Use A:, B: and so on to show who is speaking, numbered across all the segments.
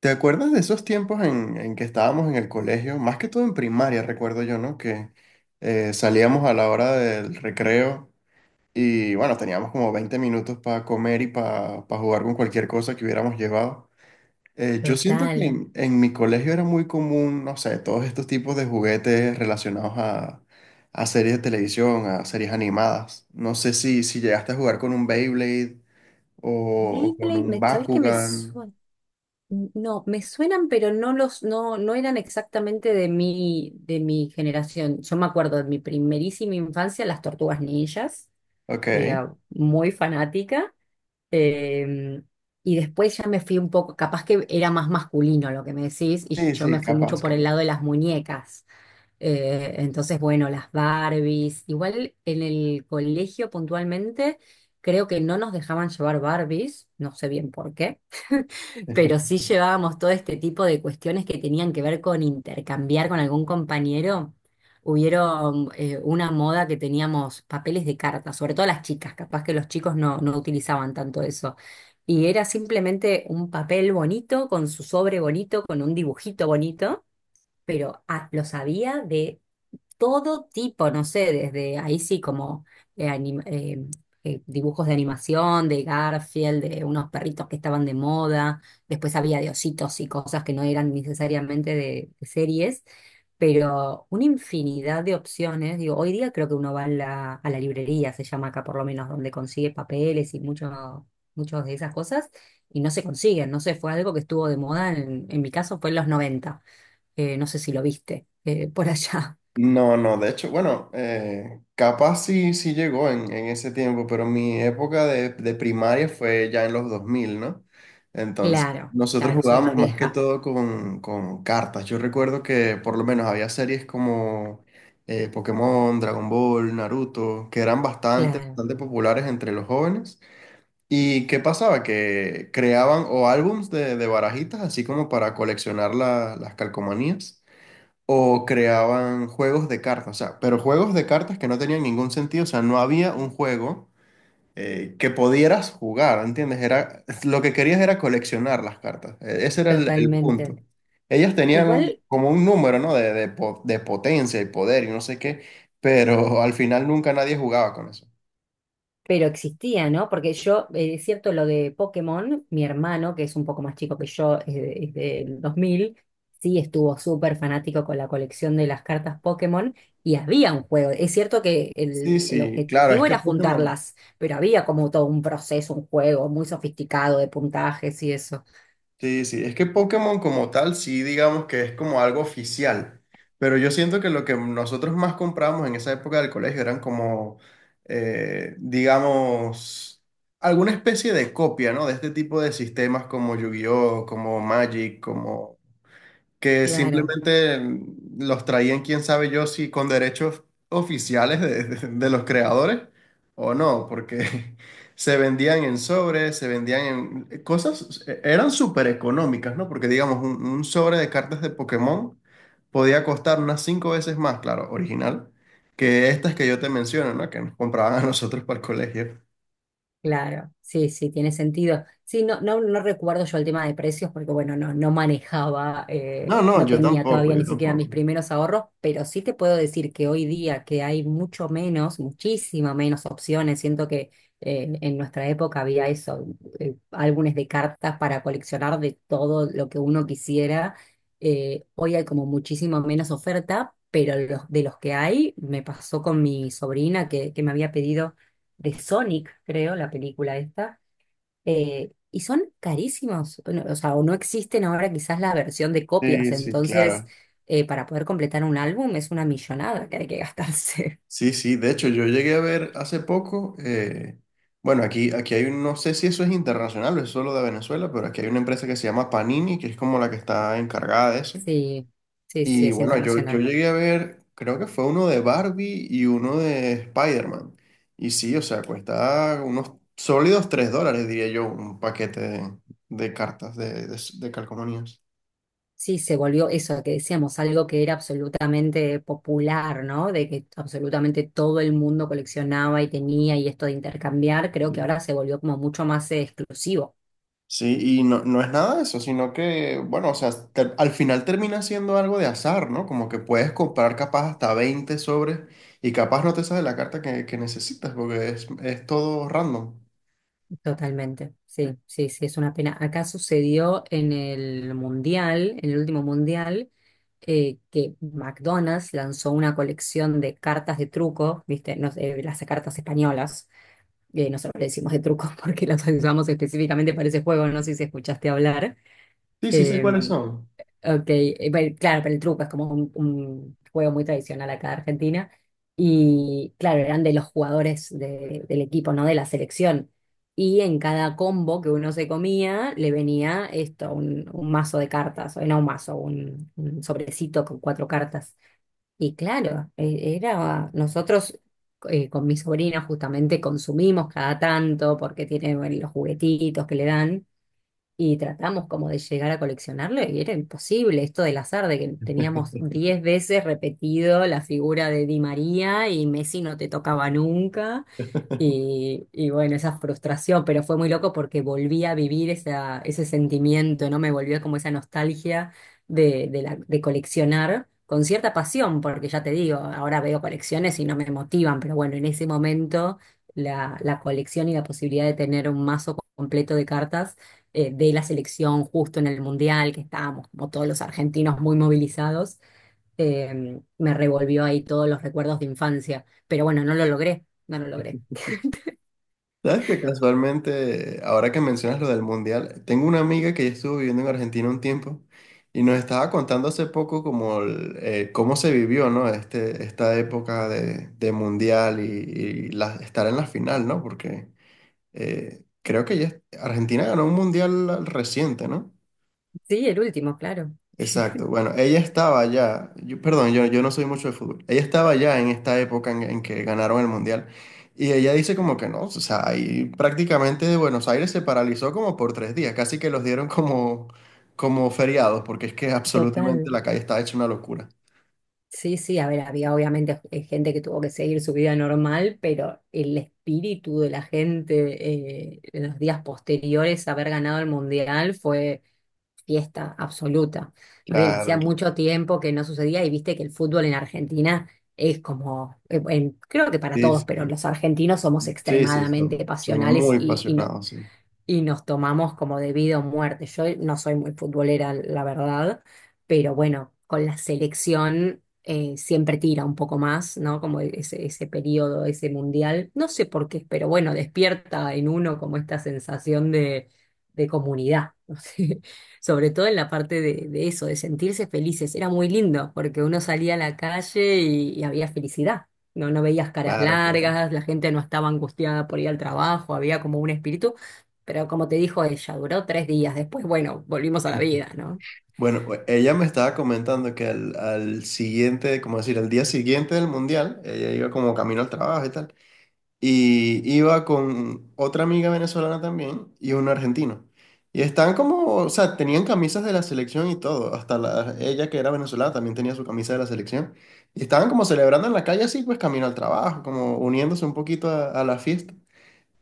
A: ¿Te acuerdas de esos tiempos en que estábamos en el colegio? Más que todo en primaria, recuerdo yo, ¿no? Que salíamos a la hora del recreo. Y bueno, teníamos como 20 minutos para comer y para jugar con cualquier cosa que hubiéramos llevado. Yo siento que
B: Total.
A: en mi colegio era muy común, no sé, todos estos tipos de juguetes relacionados a series de televisión, a series animadas. No sé si llegaste a jugar con un Beyblade o, o con
B: Beyblade,
A: un
B: ¿sabes qué me
A: Bakugan.
B: suena? No, me suenan, pero no los, no, no eran exactamente de de mi generación. Yo me acuerdo de mi primerísima infancia, las Tortugas Ninjas.
A: Ok.
B: Era muy fanática. eh, y después ya me fui un poco, capaz que era más masculino lo que me decís, y
A: Sí,
B: yo me
A: sí,
B: fui mucho
A: capaz,
B: por el
A: capaz.
B: lado de las muñecas. Entonces, bueno, las Barbies. Igual en el colegio puntualmente creo que no nos dejaban llevar Barbies, no sé bien por qué, pero sí llevábamos todo este tipo de cuestiones que tenían que ver con intercambiar con algún compañero. Hubieron una moda que teníamos papeles de cartas, sobre todo las chicas, capaz que los chicos no utilizaban tanto eso. Y era simplemente un papel bonito, con su sobre bonito, con un dibujito bonito, pero los había de todo tipo, no sé, desde ahí sí como eh, anim- eh, dibujos de animación, de Garfield, de unos perritos que estaban de moda. Después había de ositos y cosas que no eran necesariamente de series, pero una infinidad de opciones. Digo, hoy día creo que uno va a a la librería, se llama acá por lo menos, donde consigue papeles y muchas de esas cosas. Y no se consiguen, no sé, fue algo que estuvo de moda, en mi caso fue en los 90. No sé si lo viste por allá.
A: No, no, de hecho, bueno, capaz sí, sí llegó en ese tiempo, pero mi época de primaria fue ya en los 2000, ¿no? Entonces,
B: Claro,
A: nosotros
B: claro, soy
A: jugábamos
B: más
A: más que
B: vieja.
A: todo con cartas. Yo recuerdo que por lo menos había series como Pokémon, Dragon Ball, Naruto, que eran bastante,
B: Claro,
A: bastante populares entre los jóvenes. ¿Y qué pasaba? Que creaban o álbums de barajitas, así como para coleccionar las calcomanías. O creaban juegos de cartas, o sea, pero juegos de cartas que no tenían ningún sentido, o sea, no había un juego que pudieras jugar, ¿entiendes? Era, lo que querías era coleccionar las cartas, ese era el punto.
B: totalmente.
A: Ellas tenían
B: Igual,
A: como un número, ¿no? De potencia y poder y no sé qué, pero al final nunca nadie jugaba con eso.
B: pero existía, ¿no? Porque yo, es cierto lo de Pokémon. Mi hermano, que es un poco más chico que yo, es del 2000, sí estuvo súper fanático con la colección de las cartas Pokémon, y había un juego. Es cierto que
A: Sí,
B: el
A: sí, claro, es
B: objetivo
A: que
B: era
A: Pokémon...
B: juntarlas, pero había como todo un proceso, un juego muy sofisticado de puntajes y eso.
A: Sí, sí, es que Pokémon como tal sí digamos que es como algo oficial, pero yo siento que lo que nosotros más comprábamos en esa época del colegio eran como, digamos, alguna especie de copia, ¿no? De este tipo de sistemas como Yu-Gi-Oh, como Magic, como que
B: Claro.
A: simplemente los traían, quién sabe yo, si con derechos oficiales de los creadores o no, porque se vendían en sobres, se vendían en cosas, eran súper económicas, ¿no? Porque digamos, un sobre de cartas de Pokémon podía costar unas cinco veces más, claro, original, que estas que yo te menciono, ¿no? Que nos compraban a nosotros para el colegio.
B: Claro, sí, sí, tiene sentido. Sí, no recuerdo yo el tema de precios porque, bueno, no manejaba,
A: No, no,
B: no
A: yo
B: tenía
A: tampoco,
B: todavía
A: yo
B: ni siquiera mis
A: tampoco.
B: primeros ahorros, pero sí te puedo decir que hoy día que hay mucho menos, muchísima menos opciones. Siento que en nuestra época había eso, álbumes de cartas para coleccionar de todo lo que uno quisiera. Hoy hay como muchísimo menos oferta, pero los, de los que hay, me pasó con mi sobrina que me había pedido de Sonic, creo, la película esta, y son carísimos, o sea, o no existen ahora quizás la versión de copias,
A: Sí, sí,
B: entonces
A: claro.
B: para poder completar un álbum es una millonada que hay que gastarse.
A: Sí, sí, de hecho yo llegué a ver hace poco, bueno, aquí, aquí hay un, no sé si eso es internacional o es solo de Venezuela, pero aquí hay una empresa que se llama Panini, que es como la que está encargada de eso.
B: Sí, sí, sí,
A: Y
B: es
A: bueno, yo
B: internacional.
A: llegué a ver, creo que fue uno de Barbie y uno de Spider-Man. Y sí, o sea, cuesta unos sólidos $3, diría yo, un paquete de cartas de calcomanías.
B: Sí, se volvió eso que decíamos, algo que era absolutamente popular, ¿no? De que absolutamente todo el mundo coleccionaba y tenía y esto de intercambiar, creo que ahora se volvió como mucho más exclusivo.
A: Sí, y no, no es nada de eso, sino que, bueno, o sea, al final termina siendo algo de azar, ¿no? Como que puedes comprar capaz hasta 20 sobres y capaz no te sale la carta que necesitas, porque es todo random.
B: Totalmente, sí, sí, sí, es una pena. Acá sucedió en el Mundial, en el último Mundial, que McDonald's lanzó una colección de cartas de truco, ¿viste? No sé, las cartas españolas, nosotros le decimos de truco porque las usamos específicamente para ese juego, no sé si escuchaste hablar.
A: Sí, sí sé cuáles
B: em,
A: son.
B: Ok, bueno, claro, pero el truco es como un juego muy tradicional acá de Argentina. Y claro, eran de los jugadores del equipo, no de la selección. Y en cada combo que uno se comía, le venía esto, un mazo de cartas, o no un mazo, un sobrecito con 4 cartas. Y claro, nosotros con mi sobrina justamente consumimos cada tanto porque tiene, bueno, los juguetitos que le dan, y tratamos como de llegar a coleccionarlo, y era imposible esto del azar, de que teníamos 10 veces repetido la figura de Di María y Messi no te tocaba nunca. Y bueno, esa frustración, pero fue muy loco porque volví a vivir esa, ese sentimiento, ¿no? Me volvió como esa nostalgia de coleccionar con cierta pasión, porque ya te digo, ahora veo colecciones y no me motivan, pero bueno, en ese momento la colección y la posibilidad de tener un mazo completo de cartas de la selección justo en el Mundial, que estábamos como todos los argentinos muy movilizados, me revolvió ahí todos los recuerdos de infancia, pero bueno, no lo logré, no lo logré.
A: Sabes que casualmente, ahora que mencionas lo del mundial, tengo una amiga que ya estuvo viviendo en Argentina un tiempo y nos estaba contando hace poco como cómo se vivió, ¿no? Este, esta época de mundial y, estar en la final, ¿no? Porque creo que ella, Argentina ganó un mundial reciente, ¿no?
B: Sí, el último, claro.
A: Exacto. Bueno, ella estaba ya, yo- perdón, yo no soy mucho de fútbol. Ella estaba ya en esta época en que ganaron el mundial. Y ella dice como que no, o sea, ahí prácticamente Buenos Aires se paralizó como por 3 días, casi que los dieron como, como feriados, porque es que absolutamente
B: Total.
A: la calle está hecha una locura.
B: Sí, sí, a ver, había obviamente gente que tuvo que seguir su vida normal, pero el espíritu de la gente en los días posteriores a haber ganado el Mundial fue fiesta absoluta. Ah, bien, hacía
A: Claro, claro.
B: mucho tiempo que no sucedía, y viste que el fútbol en Argentina es como, creo que para
A: Sí,
B: todos, pero
A: sí,
B: los argentinos somos
A: sí, sí,
B: extremadamente
A: son
B: pasionales,
A: muy
B: y nos
A: apasionados, sí.
B: nos tomamos como de vida muerte. Yo no soy muy futbolera, la verdad, pero bueno, con la selección siempre tira un poco más, ¿no? Como ese periodo, ese mundial. No sé por qué, pero bueno, despierta en uno como esta sensación de comunidad, ¿no sé? Sobre todo en la parte de eso, de sentirse felices. Era muy lindo porque uno salía a la calle y había felicidad. No, no veías caras
A: Claro, claro.
B: largas, la gente no estaba angustiada por ir al trabajo, había como un espíritu, pero como te dijo ella, duró 3 días. Después, bueno, volvimos a
A: Sí,
B: la vida, ¿no?
A: bueno, pues, ella me estaba comentando que al siguiente, como decir, al día siguiente del mundial, ella iba como camino al trabajo y tal, y iba con otra amiga venezolana también y un argentino. Y estaban como, o sea, tenían camisas de la selección y todo, hasta la, ella que era venezolana también tenía su camisa de la selección. Y estaban como celebrando en la calle así, pues camino al trabajo, como uniéndose un poquito a la fiesta.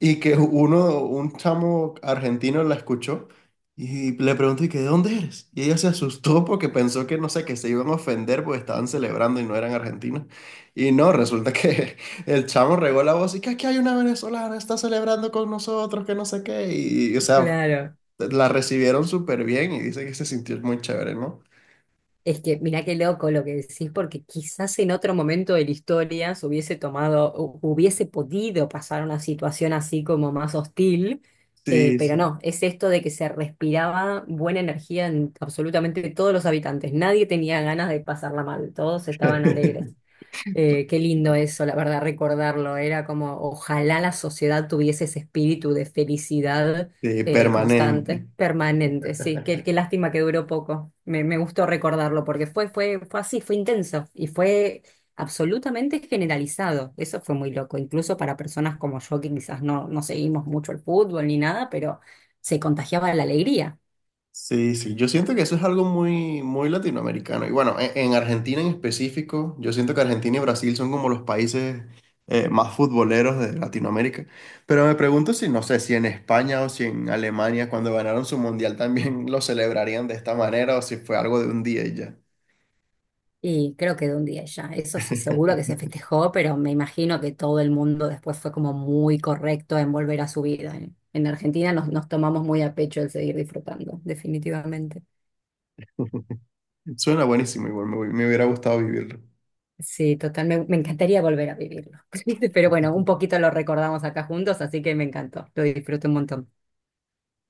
A: Y que uno, un chamo argentino la escuchó y le preguntó, ¿y que de dónde eres? Y ella se asustó porque pensó que, no sé, que se iban a ofender porque estaban celebrando y no eran argentinos. Y no, resulta que el chamo regó la voz y que aquí hay una venezolana, está celebrando con nosotros, que no sé qué. Y, o sea,
B: Claro.
A: la recibieron súper bien y dice que se sintió muy chévere, ¿no?
B: Es que mirá qué loco lo que decís, porque quizás en otro momento de la historia se hubiese tomado, hubiese podido pasar una situación así como más hostil,
A: Sí,
B: pero
A: sí.
B: no, es esto de que se respiraba buena energía en absolutamente todos los habitantes. Nadie tenía ganas de pasarla mal, todos estaban alegres. Qué lindo eso, la verdad, recordarlo. Era como, ojalá la sociedad tuviese ese espíritu de felicidad
A: Sí,
B: constante,
A: permanente.
B: permanente. Sí, qué, qué lástima que duró poco. Me gustó recordarlo porque fue, fue, fue así, fue intenso y fue absolutamente generalizado. Eso fue muy loco, incluso para personas como yo que quizás no, no seguimos mucho el fútbol ni nada, pero se contagiaba la alegría.
A: Sí, sí, yo siento que eso es algo muy, muy latinoamericano. Y bueno, en Argentina en específico, yo siento que Argentina y Brasil son como los países más futboleros de Latinoamérica. Pero me pregunto si, no sé, si en España o si en Alemania, cuando ganaron su mundial, también lo celebrarían de esta manera o si fue algo de un día y ya.
B: Y creo que de un día ya, eso sí, seguro que se festejó, pero me imagino que todo el mundo después fue como muy correcto en volver a su vida. En Argentina nos, nos tomamos muy a pecho el seguir disfrutando, definitivamente.
A: Suena buenísimo, igual me hubiera gustado vivirlo.
B: Sí, total, me encantaría volver a vivirlo. Pero bueno, un poquito lo recordamos acá juntos, así que me encantó, lo disfruto un montón.